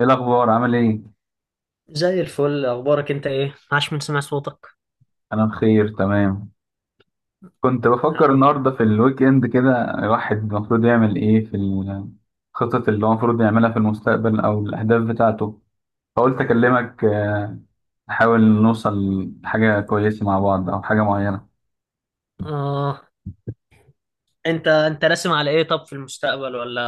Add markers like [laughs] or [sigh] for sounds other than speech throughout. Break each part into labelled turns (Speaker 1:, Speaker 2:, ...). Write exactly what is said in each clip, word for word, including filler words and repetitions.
Speaker 1: ايه الاخبار؟ عامل ايه؟
Speaker 2: زي الفل، اخبارك انت ايه؟ عاش من سمع صوتك.
Speaker 1: انا بخير، تمام. كنت بفكر النهارده في الويك اند كده، الواحد المفروض يعمل ايه في الخطط اللي هو المفروض يعملها في المستقبل او الاهداف بتاعته. فقلت اكلمك، آه، نحاول نوصل لحاجه كويسه مع بعض او حاجه معينه.
Speaker 2: اه انت انت راسم على ايه طب في المستقبل، ولا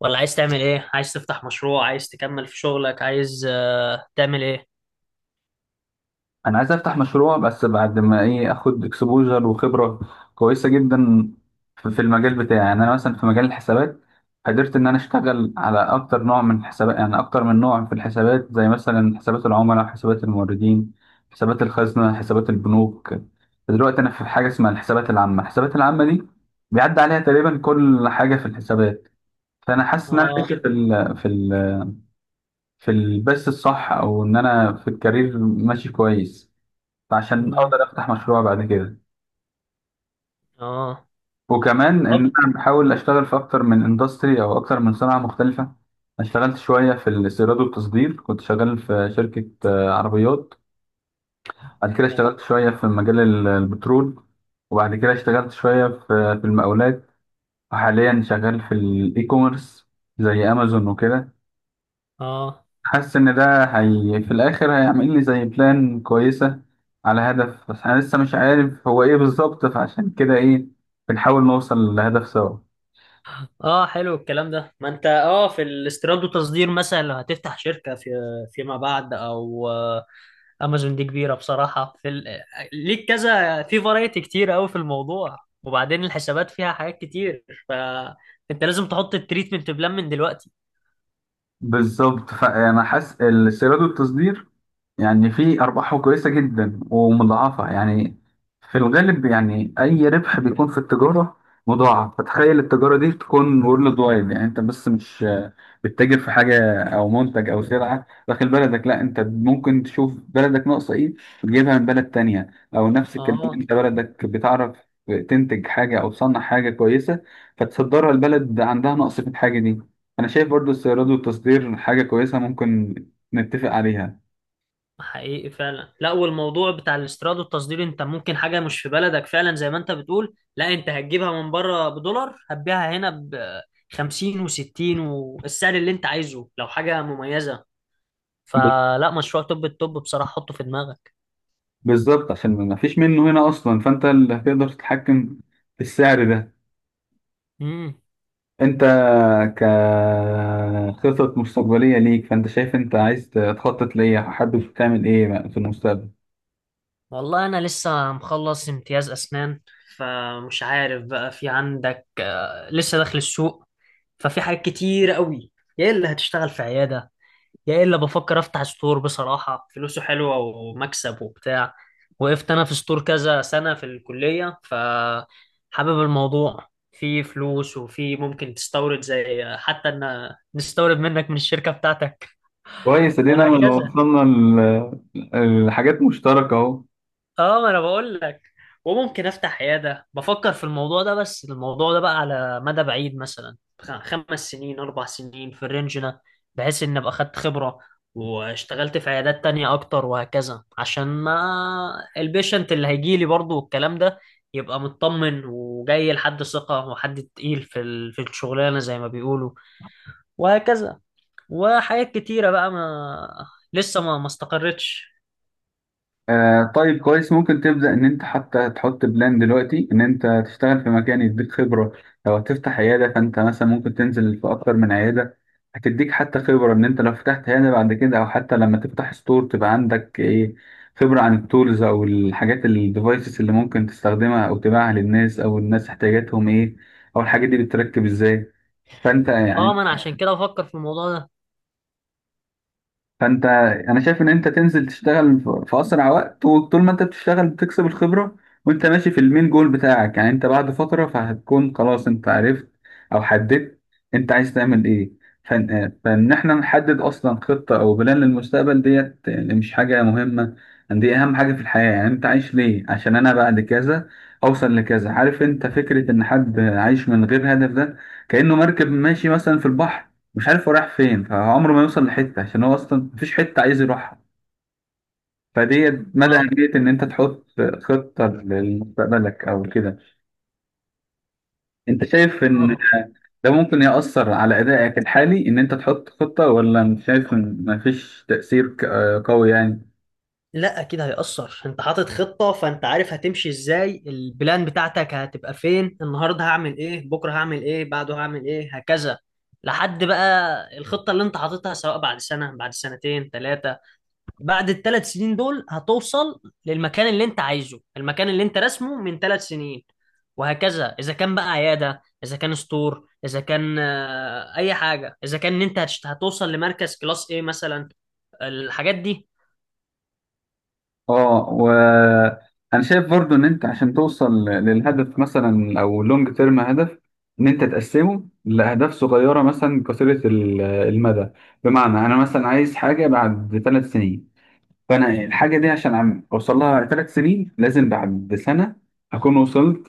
Speaker 2: ولا عايز تعمل ايه؟ عايز تفتح مشروع، عايز تكمل في شغلك، عايز آه، تعمل ايه؟
Speaker 1: انا عايز افتح مشروع، بس بعد ما ايه اخد اكسبوجر وخبره كويسه جدا في في المجال بتاعي. يعني انا مثلا في مجال الحسابات قدرت ان انا اشتغل على اكتر نوع من الحسابات، يعني اكتر من نوع في الحسابات، زي مثلا حسابات العملاء، حسابات الموردين، حسابات الخزنه، حسابات البنوك. دلوقتي انا في حاجه اسمها الحسابات العامه. الحسابات العامه دي بيعدي عليها تقريبا كل حاجه في الحسابات. فانا حاسس ان انا
Speaker 2: اه.
Speaker 1: ماشي في ال في ال في البث الصح، او ان انا في الكارير ماشي كويس عشان
Speaker 2: مم.
Speaker 1: اقدر افتح مشروع بعد كده.
Speaker 2: اه.
Speaker 1: وكمان
Speaker 2: طب.
Speaker 1: ان انا بحاول اشتغل في اكتر من اندستري او اكتر من صناعه مختلفه. أنا اشتغلت شويه في الاستيراد والتصدير، كنت شغال في شركه آه، عربيات. بعد كده اشتغلت شويه في مجال ال- البترول، وبعد كده اشتغلت شويه في في المقاولات، وحاليا شغال في الاي كوميرس زي امازون وكده.
Speaker 2: اه.
Speaker 1: حاسس ان ده هي في الاخر هيعمل لي زي بلان كويسه على هدف، بس انا لسه مش عارف هو ايه بالظبط، فعشان كده ايه بنحاول نوصل لهدف سوا.
Speaker 2: اه حلو الكلام ده، ما انت اه في الاستيراد والتصدير، مثلا لو هتفتح شركة في فيما بعد، او آه، امازون دي كبيره بصراحه. في ال... ليك كذا في فرايتي كتير قوي في الموضوع. وبعدين الحسابات فيها حاجات كتير، فانت لازم تحط التريتمنت بلان من دلوقتي.
Speaker 1: بالظبط، فانا حاسس السيراد والتصدير يعني في أرباحه كويسة جدا ومضاعفة. يعني في الغالب يعني أي ربح بيكون في التجارة مضاعف، فتخيل التجارة دي تكون وورلد وايد. يعني أنت بس مش آه، بتتاجر في حاجة أو منتج أو سلعة داخل بلدك، لا، أنت ممكن تشوف بلدك ناقصة إيه وتجيبها من بلد تانية، أو نفس الكلام
Speaker 2: اه
Speaker 1: أنت بلدك بتعرف تنتج حاجة أو تصنع حاجة كويسة فتصدرها البلد عندها نقص في الحاجة دي. أنا شايف برضو السيارات والتصدير حاجة كويسة ممكن نتفق عليها.
Speaker 2: حقيقي فعلا، لا والموضوع بتاع الاستيراد والتصدير انت ممكن حاجه مش في بلدك فعلا زي ما انت بتقول، لا انت هتجيبها من بره بدولار هتبيعها هنا ب خمسين و60 والسعر اللي انت عايزه لو حاجه مميزه. فلا، مشروع توب التوب بصراحه، حطه في دماغك.
Speaker 1: بالظبط، عشان ما فيش منه هنا اصلا، فانت اللي هتقدر تتحكم في السعر ده.
Speaker 2: مم.
Speaker 1: انت كخطط مستقبليه ليك، فانت شايف انت عايز تخطط ليه؟ حابب تعمل ايه في المستقبل؟
Speaker 2: والله أنا لسه مخلص امتياز أسنان، فمش عارف بقى في عندك آه، لسه داخل السوق، ففي حاجات كتير قوي. يا إلا هتشتغل في عيادة، يا إلا بفكر أفتح ستور بصراحة، فلوسه حلوة ومكسب وبتاع. وقفت أنا في ستور كذا سنة في الكلية، فحابب الموضوع، في فلوس وفي ممكن تستورد، زي حتى إن نستورد منك من الشركة بتاعتك
Speaker 1: كويس، ادينا لو
Speaker 2: وهكذا.
Speaker 1: وصلنا ل- لحاجات مشتركه اهو.
Speaker 2: اه ما انا بقول لك. وممكن افتح عياده، بفكر في الموضوع ده، بس الموضوع ده بقى على مدى بعيد، مثلا خ- خمس سنين اربع سنين في الرينج ده، بحيث ان ابقى خدت خبره واشتغلت في عيادات تانية اكتر وهكذا، عشان ما البيشنت اللي هيجي لي برضه والكلام ده يبقى مطمن وجاي لحد ثقه وحد تقيل في ال- في الشغلانه زي ما بيقولوا، وهكذا. وحاجات كتيره بقى ما لسه ما ما استقرتش.
Speaker 1: آه طيب، كويس. ممكن تبدأ إن أنت حتى تحط بلان دلوقتي إن أنت تشتغل في مكان يديك خبرة. لو هتفتح عيادة فأنت مثلا ممكن تنزل في أكتر من عيادة، هتديك حتى خبرة إن أنت لو فتحت عيادة بعد كده، أو حتى لما تفتح ستور تبقى عندك إيه، خبرة عن التولز أو الحاجات الديفايسز اللي ممكن تستخدمها أو تبيعها للناس، أو الناس احتياجاتهم إيه، أو الحاجات دي بتتركب إزاي. فانت
Speaker 2: اه
Speaker 1: يعني
Speaker 2: ما انا عشان كده بفكر في الموضوع ده.
Speaker 1: فانت انا شايف ان انت تنزل تشتغل في في اسرع وقت، وطول ما انت بتشتغل بتكسب الخبره وانت ماشي في المين جول بتاعك. يعني انت بعد فتره فهتكون خلاص انت عرفت او حددت انت عايز تعمل ايه. فان فان احنا نحدد اصلا خطه او بلان للمستقبل، ديت يعني مش حاجه مهمه، يعني دي اهم حاجه في الحياه. يعني انت عايش ليه؟ عشان انا بعد كذا اوصل لكذا. عارف انت فكره ان حد عايش من غير هدف؟ ده كانه مركب ماشي مثلا في البحر مش عارف هو رايح فين، فعمره ما يوصل لحتة عشان هو أصلا مفيش حتة عايز يروحها. فدي مدى
Speaker 2: آه.
Speaker 1: أهمية إن أنت تحط خطة لمستقبلك أو كده. أنت شايف إن
Speaker 2: اه،
Speaker 1: ده ممكن يأثر على أدائك الحالي إن أنت تحط خطة، ولا مش شايف إن مفيش تأثير ك- قوي يعني؟
Speaker 2: لا اكيد هيأثر. انت حاطط خطة فانت عارف هتمشي ازاي، البلان بتاعتك هتبقى فين، النهاردة هعمل ايه، بكرة هعمل ايه، بعده هعمل ايه، هكذا، لحد بقى الخطة اللي انت حاططها، سواء بعد سنة بعد سنتين ثلاثة. بعد الثلاث سنين دول هتوصل للمكان اللي انت عايزه، المكان اللي انت رسمه من ثلاث سنين. وهكذا، اذا كان بقى عيادة، اذا كان ستور، اذا كان آه، اي حاجة، اذا كان انت هتشت- هتوصل لمركز كلاس ايه مثلا، الحاجات دي.
Speaker 1: اه، وانا شايف برضو ان انت عشان توصل للهدف، مثلا او لونج تيرم هدف، ان انت تقسمه لاهداف صغيره مثلا قصيره ال- المدى. بمعنى انا مثلا عايز حاجه بعد ثلاث سنين، فانا الحاجه دي عشان عم اوصل لها ثلاث سنين، لازم بعد سنه اكون وصلت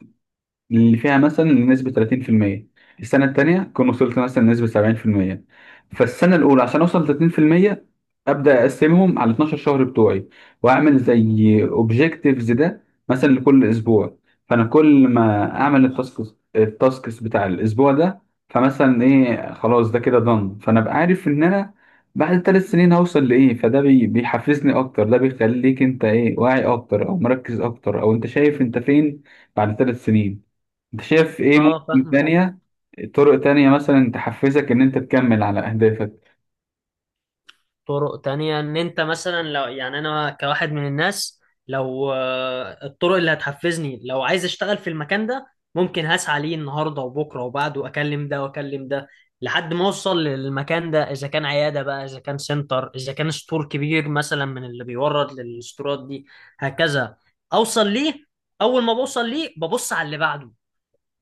Speaker 1: اللي فيها مثلا نسبة ثلاثين في المية، السنة التانية كنت وصلت مثلا لنسبة سبعين في المية. فالسنة الأولى عشان أوصل لتلاتين في المية، أبدأ أقسمهم على اتناشر شهر بتوعي، وأعمل زي أوبجيكتيفز ده مثلا لكل أسبوع. فأنا كل ما أعمل التاسكس، التاسكس بتاع الأسبوع ده، فمثلا إيه، خلاص ده كده دن، فأنا أبقى عارف إن أنا بعد ثلاث سنين هوصل لإيه. فده بي- بيحفزني أكتر، ده بيخليك أنت إيه، واعي أكتر أو مركز أكتر، أو أنت شايف أنت فين بعد ثلاث سنين. انت شايف ايه
Speaker 2: اه
Speaker 1: ممكن
Speaker 2: فاهمك.
Speaker 1: تانية، طرق تانية مثلا تحفزك ان انت تكمل على اهدافك؟
Speaker 2: طرق تانية ان انت مثلا لو، يعني انا كواحد من الناس، لو آه، الطرق اللي هتحفزني، لو عايز اشتغل في المكان ده ممكن هسعى ليه النهارده وبكره وبعده، واكلم ده واكلم ده، لحد ما اوصل للمكان ده. اذا كان عياده بقى، اذا كان سنتر، اذا كان ستور كبير مثلا من اللي بيورد للستورات دي، هكذا اوصل ليه. اول ما بوصل ليه ببص على اللي بعده،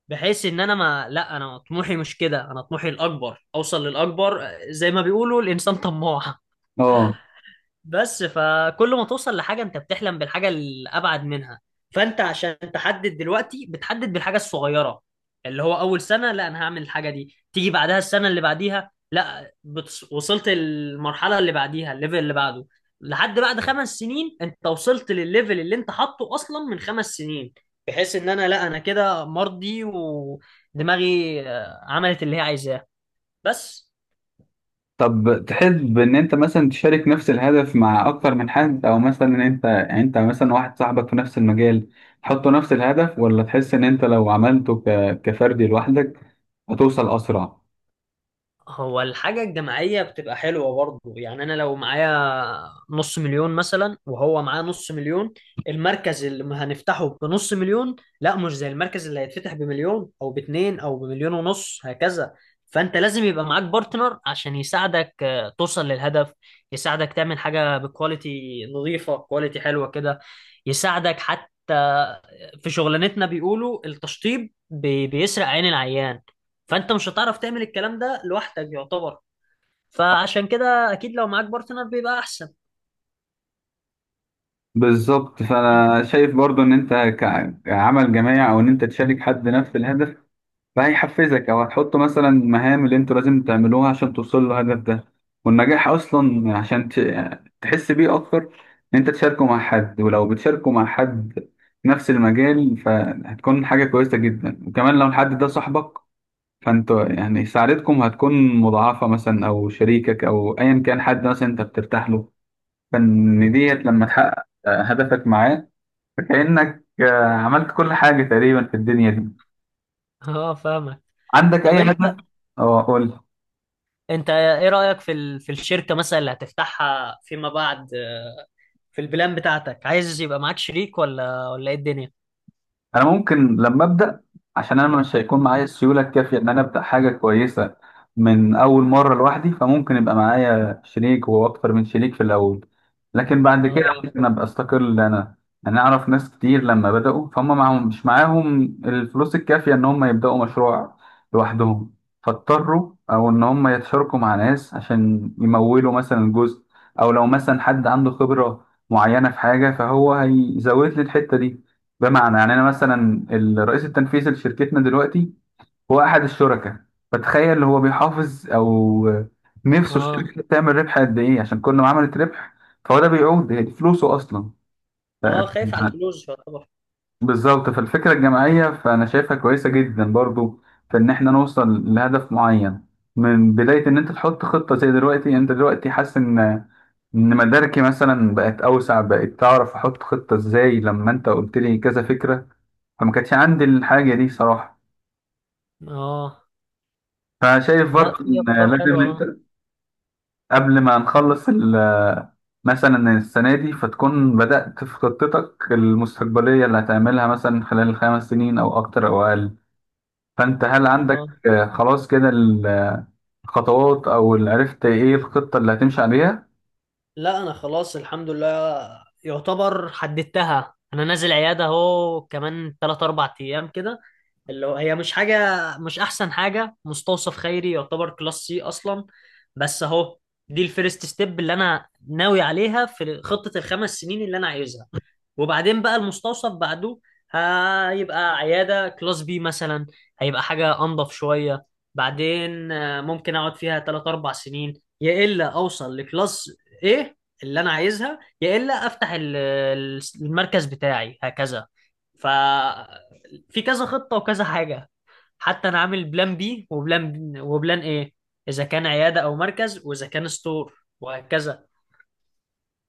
Speaker 2: بحيث ان انا ما لا انا طموحي مش كده، انا طموحي الاكبر اوصل للاكبر. آه، زي ما بيقولوا الانسان طماع
Speaker 1: اه
Speaker 2: بس. فكل ما توصل لحاجة انت بتحلم بالحاجة الأبعد منها. فانت عشان تحدد دلوقتي بتحدد بالحاجة الصغيرة، اللي هو أول سنة لا أنا هعمل الحاجة دي، تيجي بعدها السنة اللي بعديها لا بتص... وصلت المرحلة اللي بعديها، الليفل اللي بعده، لحد بعد خمس سنين انت وصلت للليفل اللي انت حاطه أصلا من خمس سنين، بحيث ان انا لا انا كده مرضي ودماغي آه، عملت اللي هي عايزاه بس.
Speaker 1: طب، تحب ان انت مثلا تشارك نفس الهدف مع اكتر من حد؟ او مثلا ان انت يعني انت مثلا واحد صاحبك في نفس المجال تحطوا نفس الهدف، ولا تحس ان انت لو عملته ك... كفردي لوحدك هتوصل اسرع؟
Speaker 2: هو الحاجة الجماعية بتبقى حلوة برضه، يعني أنا لو معايا نص مليون مثلا وهو معاه نص مليون، المركز اللي هنفتحه بنص مليون لا مش زي المركز اللي هيتفتح بمليون أو باتنين أو بمليون ونص، هكذا. فأنت لازم يبقى معاك بارتنر عشان يساعدك آه، توصل للهدف، يساعدك تعمل حاجة بكواليتي نظيفة، كواليتي حلوة كده، يساعدك حتى آه، في شغلانتنا بيقولوا التشطيب بي- بيسرق عين العيان، فانت مش هتعرف تعمل الكلام ده لوحدك يعتبر. فعشان كده اكيد لو معاك بارتنر بيبقى احسن.
Speaker 1: بالظبط، فانا شايف برضو ان انت ك- كعمل جماعي، او ان انت تشارك حد نفس الهدف فهيحفزك، او هتحط مثلا مهام اللي انتوا لازم تعملوها عشان توصلوا للهدف ده. والنجاح اصلا عشان ت- تحس بيه اكتر ان انت تشاركه مع حد. ولو بتشاركه مع حد نفس المجال فهتكون حاجة كويسة جدا، وكمان لو الحد ده صاحبك فانتوا يعني سعادتكم هتكون مضاعفة. مثلا او شريكك او ايا كان حد مثلا انت بترتاح له، فان ديت لما تحقق آه، هدفك معاه فكأنك آه، عملت كل حاجة تقريبا في الدنيا دي.
Speaker 2: [laughs] اه فاهمك.
Speaker 1: عندك
Speaker 2: طب
Speaker 1: اي
Speaker 2: انت،
Speaker 1: هدف؟ اه قول.
Speaker 2: انت ايه رأيك في ال... في الشركة مثلا اللي هتفتحها فيما بعد، في البلان بتاعتك عايز يبقى معاك شريك ولا ولا ايه الدنيا؟
Speaker 1: انا ممكن لما ابدا، عشان انا مش هيكون معايا السيوله الكافيه ان انا ابدا حاجه كويسه من اول مره لوحدي، فممكن يبقى معايا شريك واكتر من شريك في الاول، لكن بعد كده
Speaker 2: اه.
Speaker 1: ممكن ابقى استقل انا انا. يعني اعرف ناس كتير لما بداوا فهم معاهم، مش معاهم الفلوس الكافيه ان هم يبداوا مشروع لوحدهم، فاضطروا او ان هم يتشاركوا مع ناس عشان يمولوا مثلا جزء. او لو مثلا حد عنده خبره معينه في حاجه فهو هيزود لي الحته دي. بمعنى يعني انا مثلا الرئيس التنفيذي لشركتنا دلوقتي هو احد الشركاء، فتخيل هو بيحافظ او نفسه
Speaker 2: اه.
Speaker 1: الشركه تعمل ربح قد ايه، عشان كل ما عملت ربح فهو ده بيعود، هي دي فلوسه اصلا. ف-
Speaker 2: اه خايف على
Speaker 1: [laughs]
Speaker 2: الفلوس يعتبر.
Speaker 1: بالظبط، فالفكره الجماعيه فانا شايفها كويسه جدا برضو، في ان احنا نوصل لهدف معين من بدايه ان انت تحط خطه. زي دلوقتي انت دلوقتي حاسس ان ان مداركي مثلا بقت اوسع، بقت تعرف احط خطه ازاي لما انت قلت لي كذا فكره، فما كانتش عندي الحاجة دي صراحة.
Speaker 2: اه
Speaker 1: فشايف
Speaker 2: لا
Speaker 1: برضه
Speaker 2: في
Speaker 1: إن
Speaker 2: افكار حلوة
Speaker 1: لازم
Speaker 2: اه.
Speaker 1: أنت قبل ما نخلص ال- مثلا السنة دي، فتكون بدأت في خطتك المستقبلية اللي هتعملها مثلا خلال الخمس سنين أو أكتر أو أقل. فأنت هل عندك
Speaker 2: اه
Speaker 1: آه، خلاص كده الخطوات، أو اللي عرفت إيه الخطة اللي هتمشي عليها؟
Speaker 2: لا انا خلاص الحمد لله، يعتبر حددتها. انا نازل عياده اهو كمان ثلاثة أربعة ايام كده، اللي هو هي مش حاجه، مش احسن حاجه، مستوصف خيري يعتبر كلاس سي اصلا، بس اهو دي الفيرست ستيب اللي انا ناوي عليها في خطه الخمس سنين اللي انا عايزها. وبعدين بقى المستوصف بعده هيبقى عياده كلاس بي مثلا، هيبقى حاجه انضف شويه. بعدين آه، ممكن اقعد فيها تلاتة اربعة سنين، يا الا اوصل لكلاس ايه اللي انا عايزها، يا الا افتح ال- ال- المركز بتاعي هكذا. ف في كذا خطة وكذا حاجة، حتى انا عامل بلان بي وبلان وبلان ايه، اذا كان عيادة او مركز واذا كان ستور وهكذا.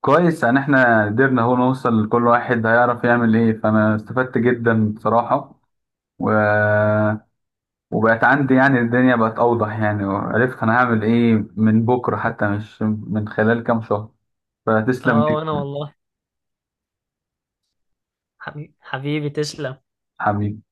Speaker 1: كويس، يعني إحنا قدرنا أهو نوصل لكل واحد هيعرف يعمل إيه. فأنا استفدت جدا بصراحة، و وبقت عندي يعني الدنيا بقت أوضح يعني، وعرفت أنا هعمل إيه من بكرة، حتى مش من خلال كام شهر. فتسلم
Speaker 2: اه وانا
Speaker 1: جدا،
Speaker 2: والله. حبيبي, حبيبي تسلم.
Speaker 1: حبيبي.